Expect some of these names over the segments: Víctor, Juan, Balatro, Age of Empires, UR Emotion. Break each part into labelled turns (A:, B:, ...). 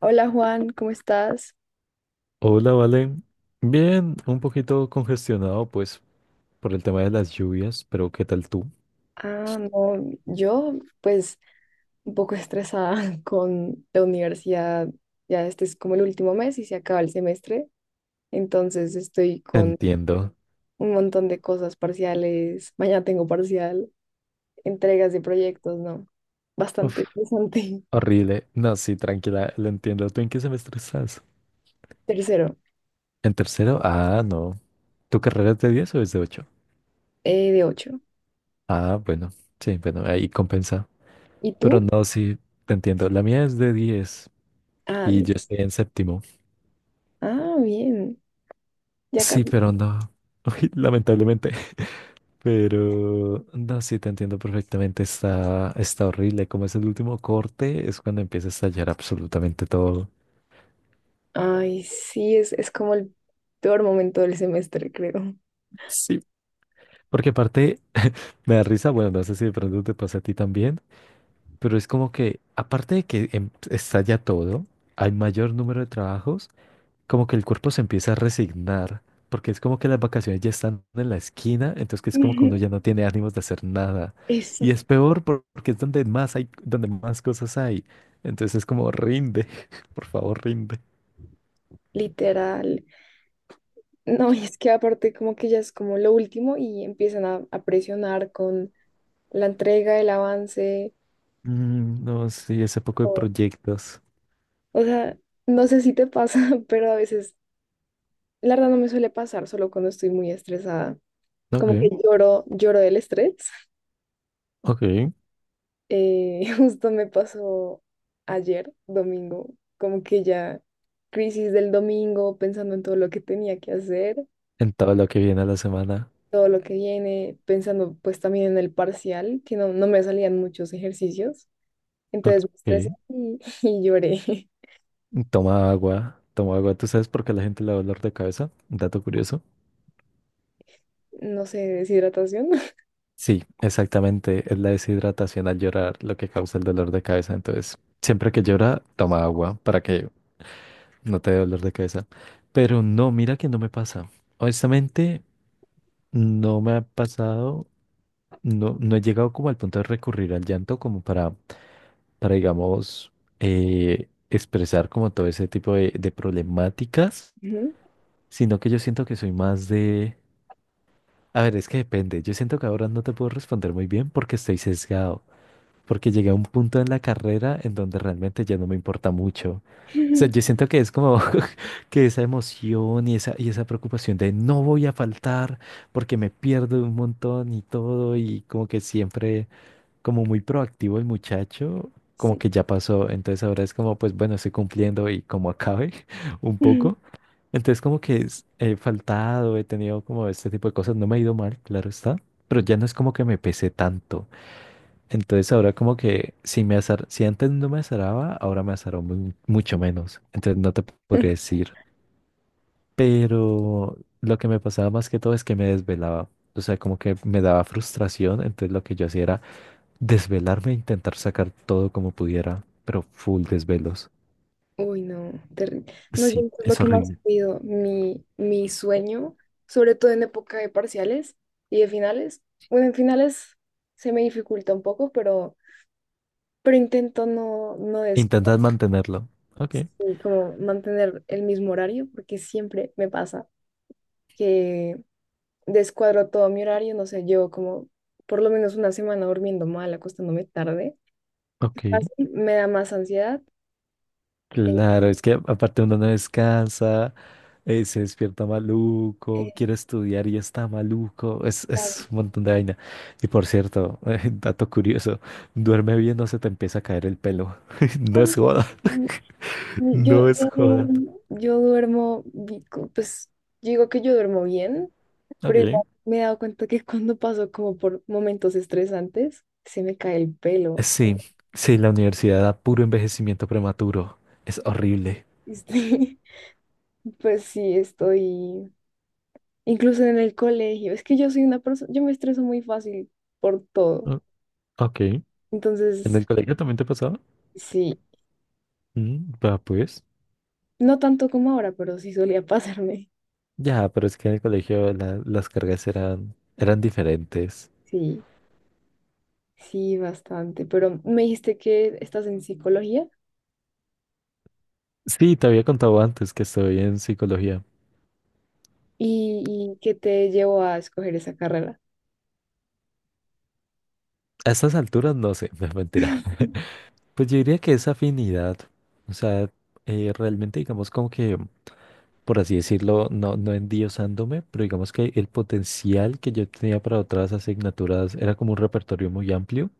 A: Hola Juan, ¿cómo estás?
B: Hola, Vale. Bien, un poquito congestionado, pues, por el tema de las lluvias, pero ¿qué tal tú?
A: Ah, no, yo pues un poco estresada con la universidad. Ya este es como el último mes y se acaba el semestre, entonces estoy
B: Te
A: con
B: entiendo.
A: un montón de cosas parciales. Mañana tengo parcial, entregas de proyectos, ¿no? Bastante
B: Uf,
A: interesante.
B: horrible. No, sí, tranquila, lo entiendo. ¿Tú en qué semestre estás?
A: Tercero,
B: ¿En tercero? Ah, no. ¿Tu carrera es de 10 o es de 8?
A: de ocho.
B: Ah, bueno. Sí, bueno, ahí compensa.
A: ¿Y
B: Pero
A: tú?
B: no, sí, te entiendo. La mía es de 10
A: Ah,
B: y
A: bien.
B: yo estoy en séptimo.
A: Ah, bien. Ya
B: Sí,
A: casi.
B: pero no. Uy, lamentablemente. Pero no, sí te entiendo perfectamente, está horrible. Como es el último corte, es cuando empieza a estallar absolutamente todo.
A: Ay, sí, es como el peor momento del semestre, creo.
B: Sí. Porque aparte me da risa, bueno, no sé si de pronto te pasa a ti también, pero es como que aparte de que estalla todo, hay mayor número de trabajos como que el cuerpo se empieza a resignar, porque es como que las vacaciones ya están en la esquina, entonces que es como que uno ya no tiene ánimos de hacer nada.
A: Eso.
B: Y es peor porque es donde más hay, donde más cosas hay. Entonces es como rinde, por favor, rinde.
A: Literal. No, y es que aparte como que ya es como lo último y empiezan a presionar con la entrega, el avance.
B: Mm, no, sí, ese poco de
A: O,
B: proyectos.
A: o sea, no sé si te pasa, pero a veces, la verdad no me suele pasar, solo cuando estoy muy estresada. Como que
B: Ok,
A: lloro, lloro del estrés.
B: ok.
A: Justo me pasó ayer, domingo, como que ya crisis del domingo, pensando en todo lo que tenía que hacer.
B: En todo lo que viene a la semana.
A: Todo lo que viene, pensando pues también en el parcial, que no, no me salían muchos ejercicios.
B: Ok.
A: Entonces me estresé y lloré.
B: Toma agua, toma agua. ¿Tú sabes por qué a la gente le da dolor de cabeza? Dato curioso.
A: No sé, deshidratación.
B: Sí, exactamente. Es la deshidratación al llorar lo que causa el dolor de cabeza. Entonces, siempre que llora, toma agua para que no te dé dolor de cabeza. Pero no, mira que no me pasa. Honestamente, no me ha pasado, no, no he llegado como al punto de recurrir al llanto como para digamos, expresar como todo ese tipo de problemáticas,
A: Ujú.
B: sino que yo siento que soy más de... A ver, es que depende. Yo siento que ahora no te puedo responder muy bien porque estoy sesgado. Porque llegué a un punto en la carrera en donde realmente ya no me importa mucho. O sea, yo siento que es como que esa emoción y esa preocupación de no voy a faltar porque me pierdo un montón y todo y como que siempre como muy proactivo el muchacho, como
A: Sí.
B: que ya pasó. Entonces ahora es como, pues bueno, estoy cumpliendo y como acabe un poco. Entonces como que he faltado, he tenido como este tipo de cosas, no me ha ido mal, claro está, pero ya no es como que me pese tanto. Entonces ahora como que si antes no me azaraba, ahora me azaró mucho menos. Entonces no te podría decir. Pero lo que me pasaba más que todo es que me desvelaba. O sea, como que me daba frustración. Entonces lo que yo hacía era desvelarme e intentar sacar todo como pudiera. Pero full desvelos.
A: Uy, no, terrible. No, yo
B: Sí,
A: es lo
B: es
A: que más
B: horrible.
A: pido, mi sueño, sobre todo en época de parciales y de finales. Bueno, en finales se me dificulta un poco, pero intento no descuidar
B: Intentas mantenerlo. Ok.
A: y como mantener el mismo horario, porque siempre me pasa. Que descuadro todo mi horario, no sé, llevo como por lo menos una semana durmiendo mal, acostándome tarde. Es
B: Ok.
A: fácil, me da más ansiedad. eh,
B: Claro, es que aparte uno no descansa, se despierta maluco,
A: eh,
B: quiere estudiar y está maluco, es
A: claro.
B: un montón de vaina. Y por cierto, dato curioso, duerme bien, no se te empieza a caer el pelo. No es
A: Ah,
B: joda,
A: mm,
B: no es joda.
A: yo pues yo digo que yo duermo bien, pero
B: Ok.
A: igual me he dado cuenta que cuando paso como por momentos estresantes, se me cae el pelo.
B: Sí, sí, la universidad da puro envejecimiento prematuro, es horrible.
A: Este, pues sí, estoy incluso en el colegio. Es que yo soy una persona, yo me estreso muy fácil por todo.
B: Ah, ok. ¿En
A: Entonces,
B: el colegio, también te pasaba?
A: sí,
B: Mm, va, pues,
A: no tanto como ahora, pero sí solía pasarme.
B: ya, pero es que en el colegio las cargas eran diferentes.
A: Sí, sí, bastante. Pero me dijiste que estás en psicología
B: Sí, te había contado antes que estoy en psicología.
A: y que te llevó a escoger esa carrera.
B: A estas alturas no sé, me mentirá. Pues yo diría que es afinidad. O sea, realmente digamos como que, por así decirlo, no, no endiosándome, pero digamos que el potencial que yo tenía para otras asignaturas era como un repertorio muy amplio.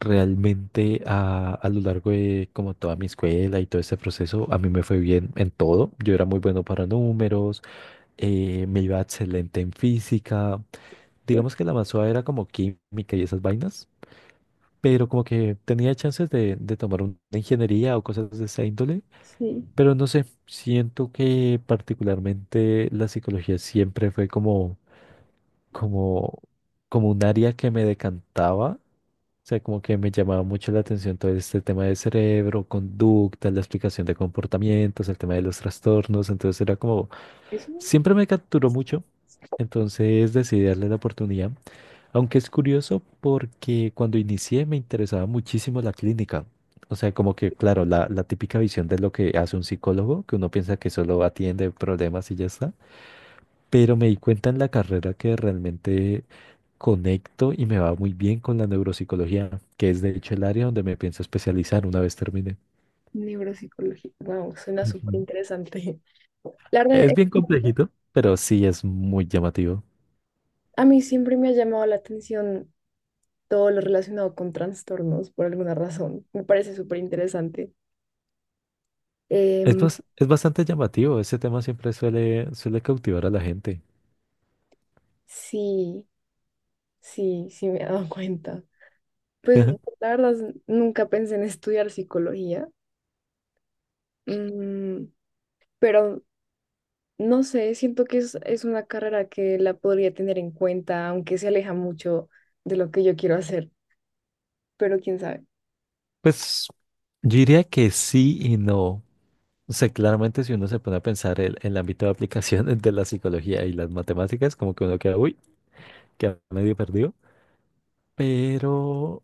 B: Realmente a lo largo de como toda mi escuela y todo este proceso, a mí me fue bien en todo. Yo era muy bueno para números, me iba excelente en física.
A: Bueno,
B: Digamos que la más suave era como química y esas vainas, pero como que tenía chances de tomar una ingeniería o cosas de esa índole,
A: sí,
B: pero no sé, siento que particularmente la psicología siempre fue como, como, como un área que me decantaba, o sea, como que me llamaba mucho la atención todo este tema del cerebro, conducta, la explicación de comportamientos, el tema de los trastornos, entonces era como,
A: eso,
B: siempre me capturó mucho, entonces decidí darle la oportunidad. Aunque es curioso porque cuando inicié me interesaba muchísimo la clínica. O sea, como que, claro, la típica visión de lo que hace un psicólogo, que uno piensa que solo atiende problemas y ya está. Pero me di cuenta en la carrera que realmente conecto y me va muy bien con la neuropsicología, que es de hecho el área donde me pienso especializar una vez termine.
A: neuropsicología. Wow, suena súper
B: Ujú.
A: interesante. La verdad,
B: Es bien complejito, pero sí es muy llamativo.
A: a mí siempre me ha llamado la atención todo lo relacionado con trastornos, por alguna razón. Me parece súper interesante.
B: Es,
A: Em,
B: bas- es bastante llamativo, ese tema siempre suele, suele cautivar a la gente.
A: sí, sí, sí, me he dado cuenta. Pues la verdad nunca pensé en estudiar psicología, mm, pero no sé, siento que es una carrera que la podría tener en cuenta, aunque se aleja mucho de lo que yo quiero hacer, pero quién sabe.
B: Pues yo diría que sí y no. O sea, claramente si uno se pone a pensar el ámbito de aplicación de la psicología y las matemáticas, como que uno queda, uy, queda medio perdido. Pero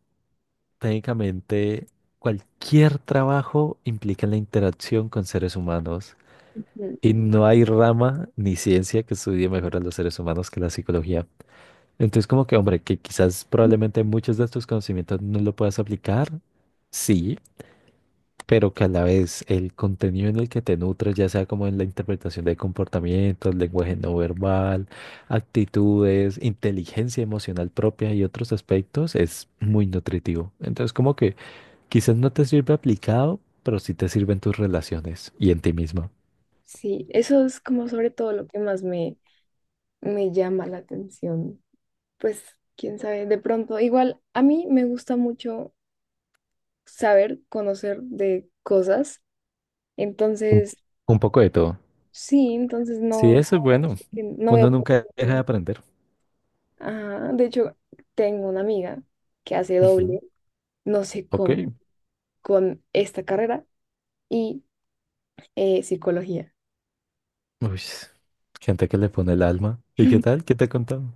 B: técnicamente cualquier trabajo implica la interacción con seres humanos
A: Mm,
B: y no hay rama ni ciencia que estudie mejor a los seres humanos que la psicología. Entonces, como que, hombre, que quizás
A: mm,
B: probablemente muchos de estos conocimientos no lo puedas aplicar, sí. Pero que a la vez el contenido en el que te nutres, ya sea como en la interpretación de comportamientos, lenguaje no verbal, actitudes, inteligencia emocional propia y otros aspectos, es muy nutritivo. Entonces, como que quizás no te sirve aplicado, pero sí te sirve en tus relaciones y en ti mismo.
A: sí, eso es como sobre todo lo que más me, me llama la atención. Pues quién sabe, de pronto, igual a mí me gusta mucho saber, conocer de cosas,
B: Un,
A: entonces
B: un poco de todo.
A: sí, entonces
B: Sí,
A: no,
B: eso es bueno.
A: no veo
B: Uno
A: por
B: nunca
A: qué
B: deja de
A: no.
B: aprender.
A: Ajá, de hecho, tengo una amiga que hace
B: Ujú.
A: doble, no sé
B: Ok.
A: cómo, con esta carrera y psicología.
B: Uy, gente que le pone el alma. ¿Y qué tal? ¿Qué te he contado?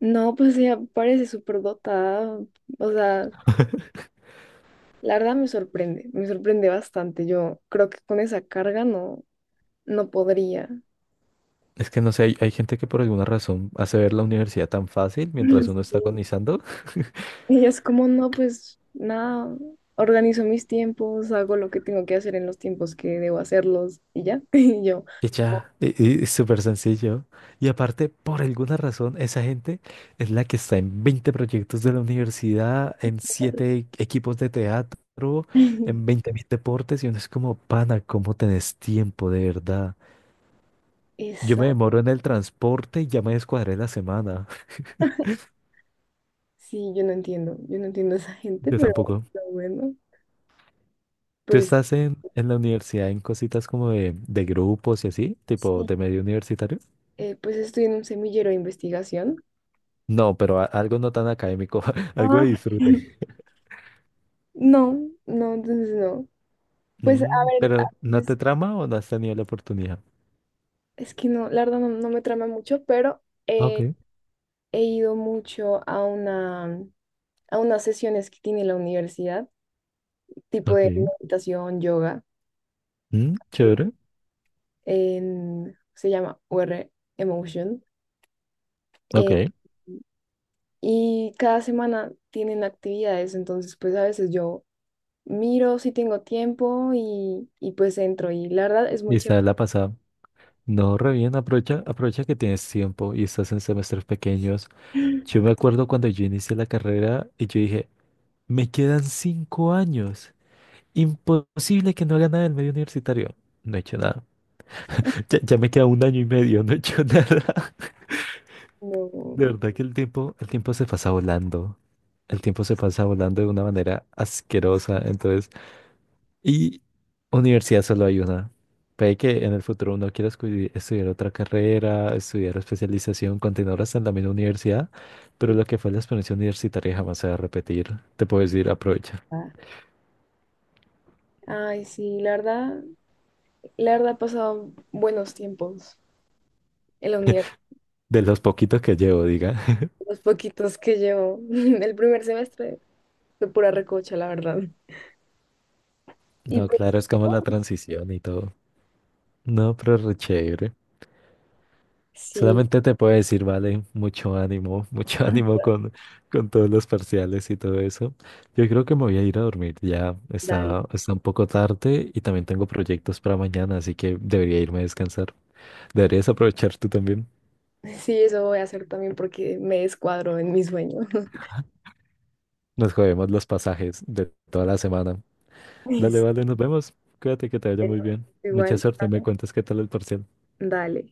A: No, pues ella parece súper dotada. O sea, la verdad me sorprende bastante. Yo creo que con esa carga no, no podría.
B: Es que no sé, hay gente que por alguna razón hace ver la universidad tan fácil mientras uno está
A: Sí.
B: agonizando
A: Ella es como, no, pues nada, organizo mis tiempos, hago lo que tengo que hacer en los tiempos que debo hacerlos y ya. Y yo,
B: y
A: oh,
B: ya, y es súper sencillo. Y aparte, por alguna razón, esa gente es la que está en 20 proyectos de la universidad, en 7 equipos de teatro, en 20.000 deportes y uno es como, pana, ¿cómo tenés tiempo de verdad? Yo
A: eso.
B: me demoro en el transporte y ya me descuadré la semana.
A: Sí, yo no entiendo a esa gente,
B: Yo tampoco.
A: pero bueno,
B: ¿Tú
A: pues
B: estás en la universidad en cositas como de grupos y así, tipo
A: sí,
B: de medio universitario?
A: pues estoy en un semillero de investigación.
B: No, pero algo no tan académico, algo de
A: Ah.
B: disfrute.
A: No, no, entonces no. Pues a
B: Mm,
A: ver, a
B: pero ¿no te
A: veces,
B: trama o no has tenido la oportunidad?
A: es que no, la verdad no, no me trama mucho, pero
B: Ah,
A: eh,
B: ok,
A: he ido mucho a una, a unas sesiones que tiene la universidad, tipo de
B: ok.
A: meditación, yoga,
B: Mm,
A: así,
B: chévere.
A: se llama UR Emotion.
B: Ok.
A: eh, y cada semana tienen actividades, entonces pues a veces yo miro si tengo tiempo y pues entro y la verdad es
B: Y
A: muy chévere.
B: está la pasada. No, re bien, aprovecha, aprovecha que tienes tiempo y estás en semestres pequeños. Yo me acuerdo cuando yo inicié la carrera y yo dije, me quedan 5 años. Imposible que no haga nada en medio universitario. No he hecho nada. Ya me queda un año y medio, no he hecho nada.
A: No,
B: De verdad que el tiempo se pasa volando. El tiempo se pasa volando de una manera asquerosa. Entonces, y universidad solo hay una. Puede que en el futuro uno quiera estudiar otra carrera, estudiar especialización, continuar hasta en la misma universidad, pero lo que fue la experiencia universitaria jamás se va a repetir. Te puedo decir, aprovecha.
A: ah, ay, sí, la verdad he pasado buenos tiempos en la universidad,
B: De los poquitos que llevo, diga.
A: los poquitos que llevo. El primer semestre fue pura recocha, la verdad. Y
B: No,
A: pues
B: claro, es como la transición y todo. No, pero re chévere.
A: sí,
B: Solamente te puedo decir, vale, mucho ánimo, mucho ánimo con todos los parciales y todo eso. Yo creo que me voy a ir a dormir, ya
A: dale.
B: está, está un poco tarde y también tengo proyectos para mañana, así que debería irme a descansar. Deberías aprovechar tú también.
A: Sí, eso voy a hacer también porque me descuadro en mi sueño.
B: Nos jodemos los pasajes de toda la semana. Dale,
A: Sí,
B: vale, nos vemos. Cuídate que te vaya
A: pero
B: muy bien. Mucha
A: igual,
B: suerte, me cuentas qué tal el parcial.
A: dale.